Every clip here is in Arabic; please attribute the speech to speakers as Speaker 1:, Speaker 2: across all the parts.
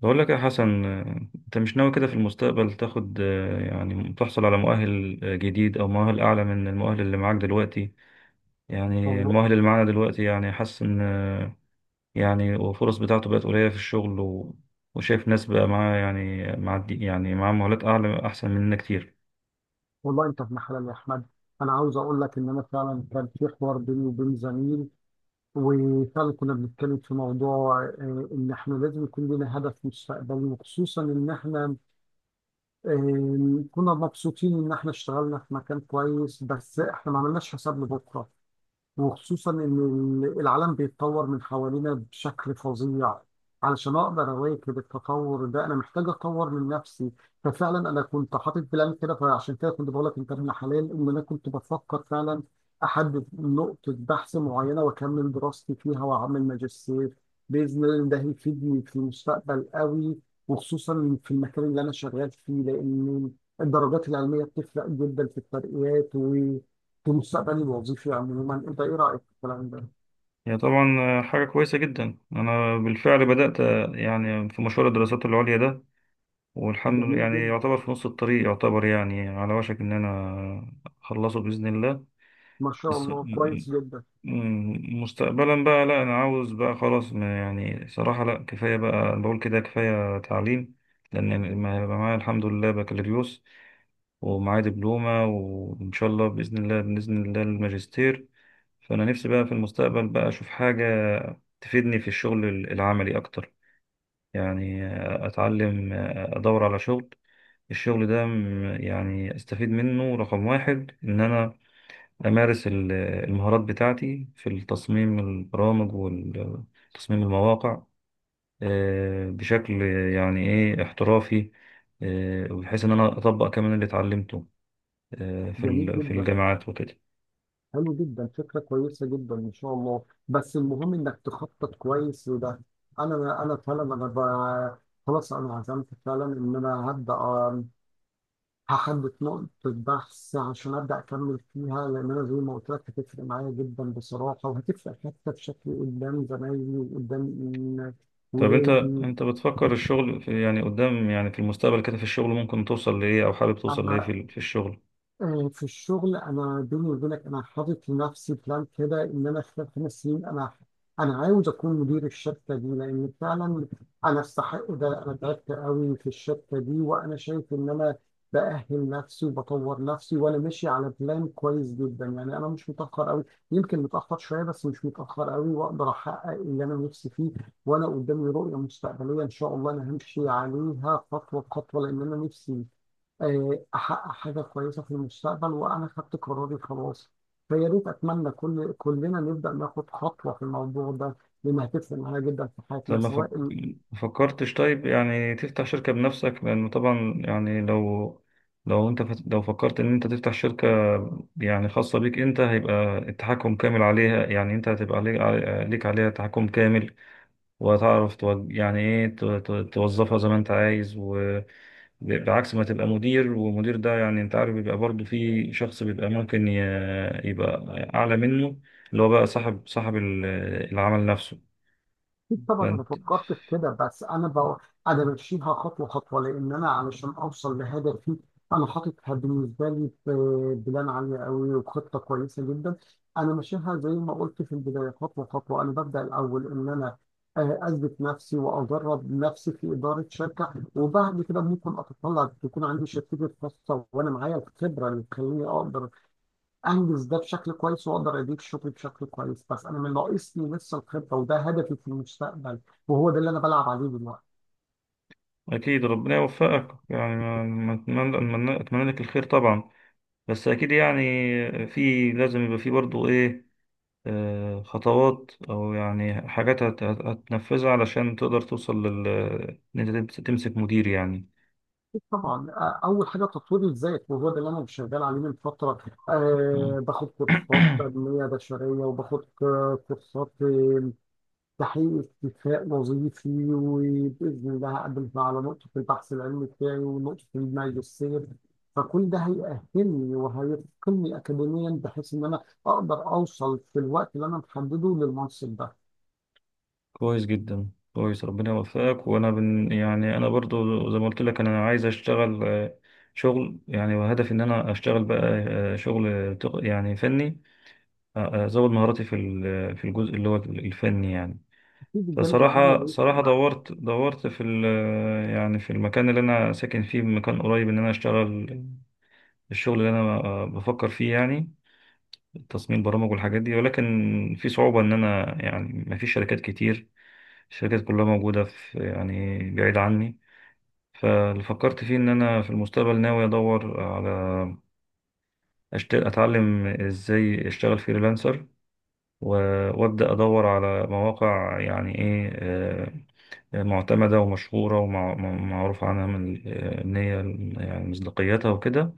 Speaker 1: بقول لك يا حسن، انت مش ناوي كده في المستقبل تاخد، يعني تحصل على مؤهل جديد او مؤهل اعلى من المؤهل اللي معاك دلوقتي. يعني
Speaker 2: والله
Speaker 1: المؤهل اللي معانا دلوقتي يعني حاسس ان يعني الفرص بتاعته بقت قليلة في الشغل و وشايف ناس بقى معاه، يعني يعني معاه مؤهلات اعلى احسن مننا كتير.
Speaker 2: والله انت في محل يا احمد. انا عاوز اقول لك ان انا فعلا كان في حوار بيني وبين زميل، وفعلا كنا بنتكلم في موضوع ان احنا لازم يكون لنا هدف مستقبلي، وخصوصا ان احنا كنا مبسوطين ان احنا اشتغلنا في مكان كويس، بس احنا ما عملناش حساب لبكره، وخصوصا ان العالم بيتطور من حوالينا بشكل فظيع. علشان اقدر اواكب التطور ده انا محتاج اطور من نفسي. ففعلا انا كنت حاطط بلان كده، فعشان كده كنت بقول لك انت ابن حلال ان انا كنت بفكر فعلا احدد نقطة بحث معينة واكمل دراستي فيها واعمل ماجستير، باذن الله ده هيفيدني في المستقبل قوي، وخصوصا في المكان اللي انا شغال فيه لان الدرجات العلمية بتفرق جدا في الترقيات في مستقبلي الوظيفي عموما. انت ايه رايك في الكلام ده؟
Speaker 1: هي طبعا حاجة كويسة جدا. انا بالفعل بدأت، يعني في مشوار الدراسات العليا ده، والحمد لله
Speaker 2: جميل
Speaker 1: يعني
Speaker 2: جدا.
Speaker 1: يعتبر في نص الطريق، يعتبر يعني على وشك ان انا اخلصه بإذن الله.
Speaker 2: ما شاء
Speaker 1: بس،
Speaker 2: الله كويس جدا.
Speaker 1: مستقبلا بقى لا، انا عاوز بقى خلاص، ما يعني صراحة لا، كفاية بقى، بقول كده كفاية تعليم. لان ما هيبقى معايا الحمد لله بكالوريوس ومعايا دبلومة، وان شاء الله بإذن الله الماجستير. فانا نفسي بقى في المستقبل بقى اشوف حاجة تفيدني في الشغل العملي اكتر، يعني اتعلم ادور على شغل. الشغل ده، يعني استفيد منه رقم واحد ان انا أمارس المهارات بتاعتي في التصميم البرامج وتصميم المواقع بشكل يعني إيه احترافي. وبحيث إن أنا أطبق كمان اللي اتعلمته،
Speaker 2: جميل
Speaker 1: في
Speaker 2: جدا.
Speaker 1: الجامعات وكده.
Speaker 2: حلو جدا فكره كويسه جدا ما شاء الله، بس المهم انك تخطط كويس لده. انا فعلا انا خلاص انا عزمت فعلا ان انا هبدا هحدد نقطه بحث عشان ابدا اكمل فيها، لان انا زي ما قلت لك هتفرق معايا جدا بصراحه، وهتفرق حتى في شكلي قدام زمايلي وقدام
Speaker 1: طب أنت
Speaker 2: ولادي.
Speaker 1: أنت بتفكر الشغل في، يعني قدام، يعني في المستقبل كده في الشغل ممكن توصل لإيه؟ أو حابب توصل لإيه
Speaker 2: آه،
Speaker 1: في الشغل؟
Speaker 2: في الشغل انا بيني وبينك انا حاطط لنفسي بلان كده ان انا خلال خمس سنين انا عاوز اكون مدير الشركه دي، لان فعلا انا استحق ده، انا تعبت قوي في الشركه دي وانا شايف ان انا باهل نفسي وبطور نفسي، وانا ماشي على بلان كويس جدا. يعني انا مش متاخر قوي، يمكن متاخر شويه بس مش متاخر قوي، واقدر احقق اللي انا نفسي فيه. وانا قدامي رؤيه مستقبليه ان شاء الله انا همشي عليها خطوه بخطوه، لان انا نفسي احقق حاجه كويسه في المستقبل، وانا خدت قراري خلاص. فيا ريت اتمنى كل كلنا نبدا ناخد خطوه في الموضوع ده، لانها هتفرق معانا جدا في
Speaker 1: طب
Speaker 2: حياتنا سواء.
Speaker 1: ما فكرتش طيب يعني تفتح شركة بنفسك؟ لأنه طبعا يعني، لو لو فكرت إن أنت تفتح شركة، يعني خاصة بيك أنت، هيبقى التحكم كامل عليها. يعني أنت هتبقى ليك، ليك عليها تحكم كامل. وهتعرف يعني إيه توظفها زي ما أنت عايز، بعكس ما تبقى مدير. ومدير ده يعني انت عارف بيبقى برضه في شخص، بيبقى ممكن يبقى اعلى منه، اللي هو بقى صاحب العمل نفسه.
Speaker 2: أكيد طبعا انا فكرت في كده، بس انا انا بمشيها خطوه خطوه، لان انا علشان اوصل لهدفي انا حاططها بالنسبه لي في بلان عاليه قوي وخطه كويسه جدا. انا ماشيها زي ما قلت في البدايه خطوه خطوه، انا ببدا الاول ان انا اثبت نفسي واجرب نفسي في اداره شركه، وبعد كده ممكن اتطلع تكون عندي شركتي الخاصه وانا معايا الخبره اللي تخليني اقدر انجز ده بشكل كويس، واقدر اديك شغلي بشكل كويس، بس انا من ناقصني لسه الخبره، وده هدفي في المستقبل وهو ده اللي انا بلعب عليه دلوقتي.
Speaker 1: أكيد، ربنا يوفقك، يعني ما أتمنى لك الخير طبعا. بس أكيد يعني، في لازم يبقى في برضو إيه، خطوات أو يعني حاجات هتنفذها علشان تقدر توصل لل، إن أنت تمسك مدير يعني.
Speaker 2: طبعا اول حاجه تطوير الذات، وهو ده اللي انا شغال عليه من فتره.
Speaker 1: مم.
Speaker 2: أه باخد كورسات تنميه بشريه، وباخد كورسات تحقيق اكتفاء وظيفي، وبإذن الله هقدم على نقطة البحث العلمي بتاعي ونقطة الماجستير. فكل ده هيأهلني وهيتقني أكاديميا بحيث إن أنا أقدر أوصل في الوقت اللي أنا محدده للمنصب ده.
Speaker 1: كويس جدا كويس، ربنا يوفقك. وأنا يعني أنا برضو زي ما قلت لك أنا عايز أشتغل، شغل يعني. وهدفي إن أنا أشتغل بقى شغل، يعني فني. ازود مهاراتي في الجزء اللي هو الفني يعني.
Speaker 2: أكيد الجانب العملي
Speaker 1: فصراحة
Speaker 2: هيفرق
Speaker 1: صراحة
Speaker 2: معايا.
Speaker 1: دورت يعني في المكان اللي انا ساكن فيه، مكان قريب ان انا اشتغل الشغل اللي انا بفكر فيه يعني، تصميم برامج والحاجات دي. ولكن في صعوبة، ان انا يعني ما فيش شركات كتير. الشركات كلها موجودة في يعني بعيد عني. فاللي فكرت فيه ان انا في المستقبل ناوي ادور على، اتعلم ازاي اشتغل فريلانسر. وابدأ أدور على مواقع، يعني إيه، معتمدة ومشهورة ومعروف عنها من، إن هي يعني مصداقيتها وكده.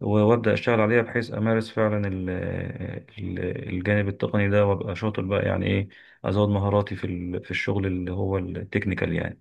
Speaker 1: وابدأ أشتغل عليها بحيث أمارس فعلا الجانب التقني ده، وأبقى شاطر بقى يعني إيه، أزود مهاراتي في الشغل اللي هو التكنيكال يعني.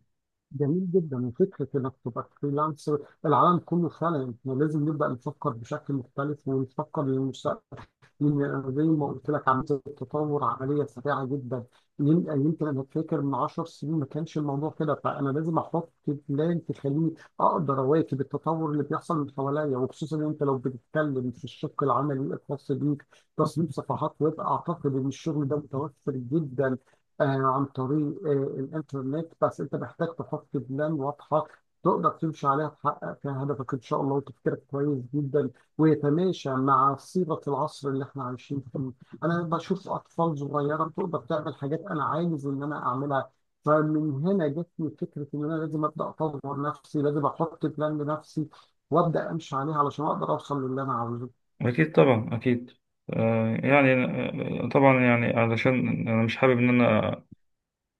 Speaker 2: جميل جدا وفكرة انك تبقى فريلانسر، العالم كله فعلا احنا لازم نبدأ نفكر بشكل مختلف ونفكر للمستقبل، لأن زي ما قلت لك عملية التطور عملية سريعة جدا. يمكن انا فاكر من 10 سنين ما كانش الموضوع كده، فانا لازم احط بلان تخليني اقدر اواكب التطور اللي بيحصل من حواليا. وخصوصا انت لو بتتكلم في الشق العملي الخاص بيك، تصميم صفحات ويب، اعتقد ان الشغل ده متوفر جدا آه، عن طريق الإنترنت، بس أنت محتاج تحط بلان واضحة تقدر تمشي عليها تحقق فيها هدفك إن شاء الله. وتفكيرك كويس جدا ويتماشى مع صيغة العصر اللي إحنا عايشين فيه. أنا بشوف أطفال صغيرة تقدر تعمل حاجات أنا عايز إن أنا أعملها، فمن هنا جت لي فكرة إن أنا لازم أبدأ أطور نفسي، لازم أحط بلان لنفسي وأبدأ أمشي عليها علشان أقدر أوصل للي أنا عاوزه.
Speaker 1: أكيد طبعا أكيد. يعني طبعا يعني، علشان أنا مش حابب إن أنا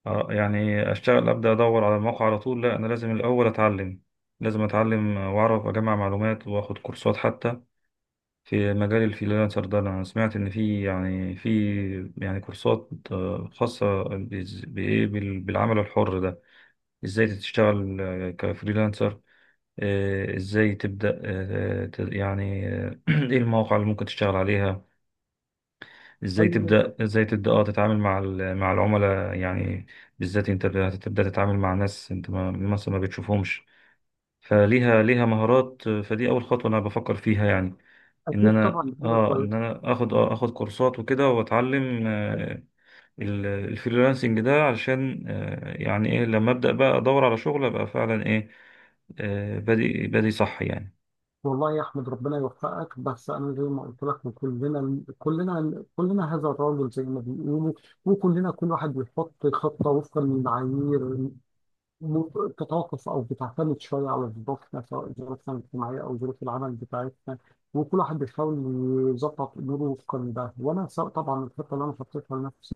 Speaker 1: اه يعني اشتغل ابدا ادور على الموقع على طول. لا، انا لازم الاول اتعلم، لازم اتعلم واعرف اجمع معلومات واخد كورسات حتى في مجال الفريلانسر ده. انا سمعت ان في كورسات خاصة بالعمل الحر ده. ازاي تشتغل كفريلانسر، ازاي تبدا، ايه المواقع اللي ممكن تشتغل عليها، ازاي
Speaker 2: حلو جدا.
Speaker 1: تبدا ازاي تبدا تتعامل مع العملاء يعني. بالذات انت هتبدا تتعامل مع ناس انت ما مثلا ما بتشوفهمش، ليها مهارات. فدي اول خطوه انا بفكر فيها، يعني ان
Speaker 2: أكيد
Speaker 1: انا
Speaker 2: طبعا دي حاجة كويسة.
Speaker 1: اخد كورسات وكده، واتعلم الفريلانسنج ده علشان، يعني ايه، لما ابدا بقى ادور على شغل ابقى فعلا ايه، بادئ صح يعني.
Speaker 2: والله يا احمد ربنا يوفقك، بس انا زي ما قلت لك كلنا كلنا كلنا هذا الرجل زي ما بيقولوا، وكلنا كل واحد بيحط خطه وفقا للمعايير، م- تتوقف او بتعتمد شويه على ظروفنا، سواء ظروفنا الاجتماعيه او ظروف العمل بتاعتنا. وكل واحد بيحاول يظبط اموره وفقا لده، وانا سواء طبعا الخطه اللي انا حطيتها لنفسي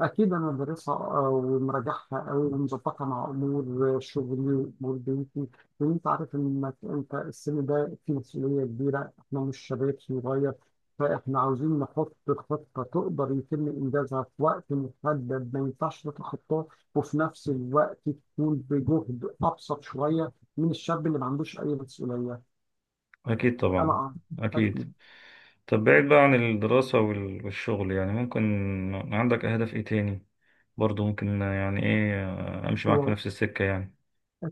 Speaker 2: أكيد أنا بدرسها ومراجعها أوي ومظبطها مع أمور شغلي وأمور بيتي، لأن أنت عارف إنك أنت السن ده فيه مسؤولية كبيرة، إحنا مش شباب صغير. فإحنا عاوزين نحط خطة تقدر يتم إنجازها في وقت محدد ما ينفعش تتخطاه، وفي نفس الوقت تكون بجهد أبسط شوية من الشاب اللي ما عندوش أي مسؤولية.
Speaker 1: اكيد
Speaker 2: أنا
Speaker 1: طبعا اكيد.
Speaker 2: أكيد.
Speaker 1: طب بعيد بقى عن الدراسة والشغل، يعني ممكن عندك أهداف إيه تاني؟ برضو ممكن يعني إيه أمشي معاك في نفس السكة يعني؟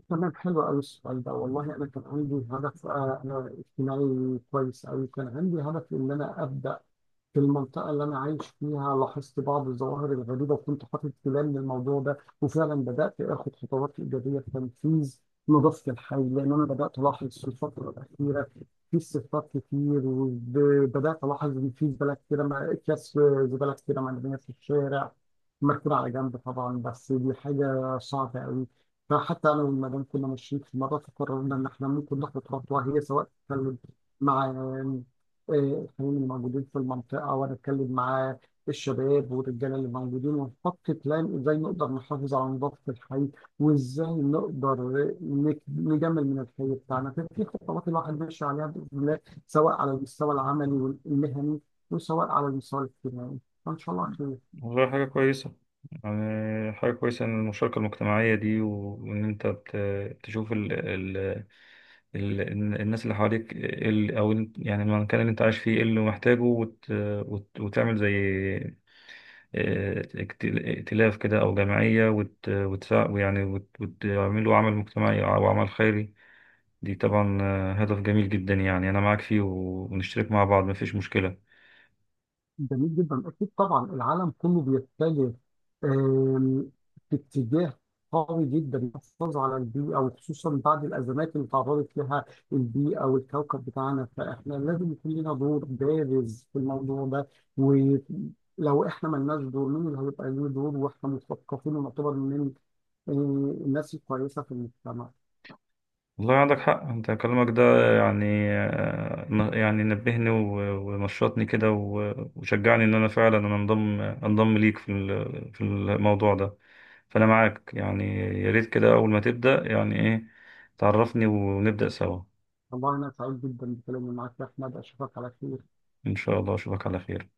Speaker 2: تمام حلو قوي السؤال ده، والله انا كان عندي هدف انا اجتماعي كويس قوي، كان عندي هدف ان انا ابدا في المنطقة اللي أنا عايش فيها، لاحظت بعض الظواهر الغريبة وكنت حاطط بلان للموضوع ده، وفعلا بدأت آخد خطوات إيجابية في تنفيذ نظافة الحي. لأن أنا بدأت ألاحظ في الفترة الأخيرة في صفات كتير، وبدأت ألاحظ إن في زبالة كتيرة أكياس زبالة كتيرة مرمية في الشارع مركونة على جنب طبعا، بس دي حاجة صعبة أوي. فحتى أنا والمدام كنا ماشيين في مرة، فقررنا إن إحنا ممكن ناخد خطوة، هي سواء تتكلم مع الفنانين الموجودين في المنطقة، ونتكلم مع الشباب والرجالة اللي موجودين، ونحط بلان ازاي نقدر نحافظ على نظافة الحي، وازاي نقدر نجمل من الحي بتاعنا. ففي خطوات الواحد ماشي عليها بإذن الله، سواء على المستوى العملي والمهني، وسواء على المستوى الاجتماعي، فإن شاء الله خير.
Speaker 1: والله حاجة كويسة، يعني حاجة كويسة إن المشاركة المجتمعية دي، وإن أنت تشوف ال ال ال الناس اللي حواليك إيه، يعني المكان اللي أنت عايش فيه إيه اللي محتاجه، وت وت وتعمل زي ائتلاف كده أو جمعية، وت وتساع- ويعني وت- وتعملوا عمل مجتمعي أو عمل خيري. دي طبعا هدف جميل جدا يعني، أنا معاك فيه ونشترك مع بعض مفيش مشكلة.
Speaker 2: جميل جدا. اكيد طبعا العالم كله بيتجه آم، في اتجاه قوي جدا للحفاظ على البيئه، وخصوصا بعد الازمات اللي تعرضت لها البيئه والكوكب بتاعنا، فاحنا لازم يكون لنا دور بارز في الموضوع ده. ولو احنا ما لناش دور مين اللي هيبقى له دور، واحنا مثقفين ونعتبر من آه، الناس الكويسه في المجتمع.
Speaker 1: والله عندك حق، أنت كلامك ده يعني يعني نبهني ونشطني كده وشجعني إن أنا فعلا أنا أنضم ليك في الموضوع ده. فأنا معاك يعني، يا ريت كده أول ما تبدأ يعني إيه تعرفني ونبدأ سوا.
Speaker 2: والله انا سعيد جدا بكلامي معاك يا احمد، اشوفك على خير.
Speaker 1: إن شاء الله أشوفك على خير.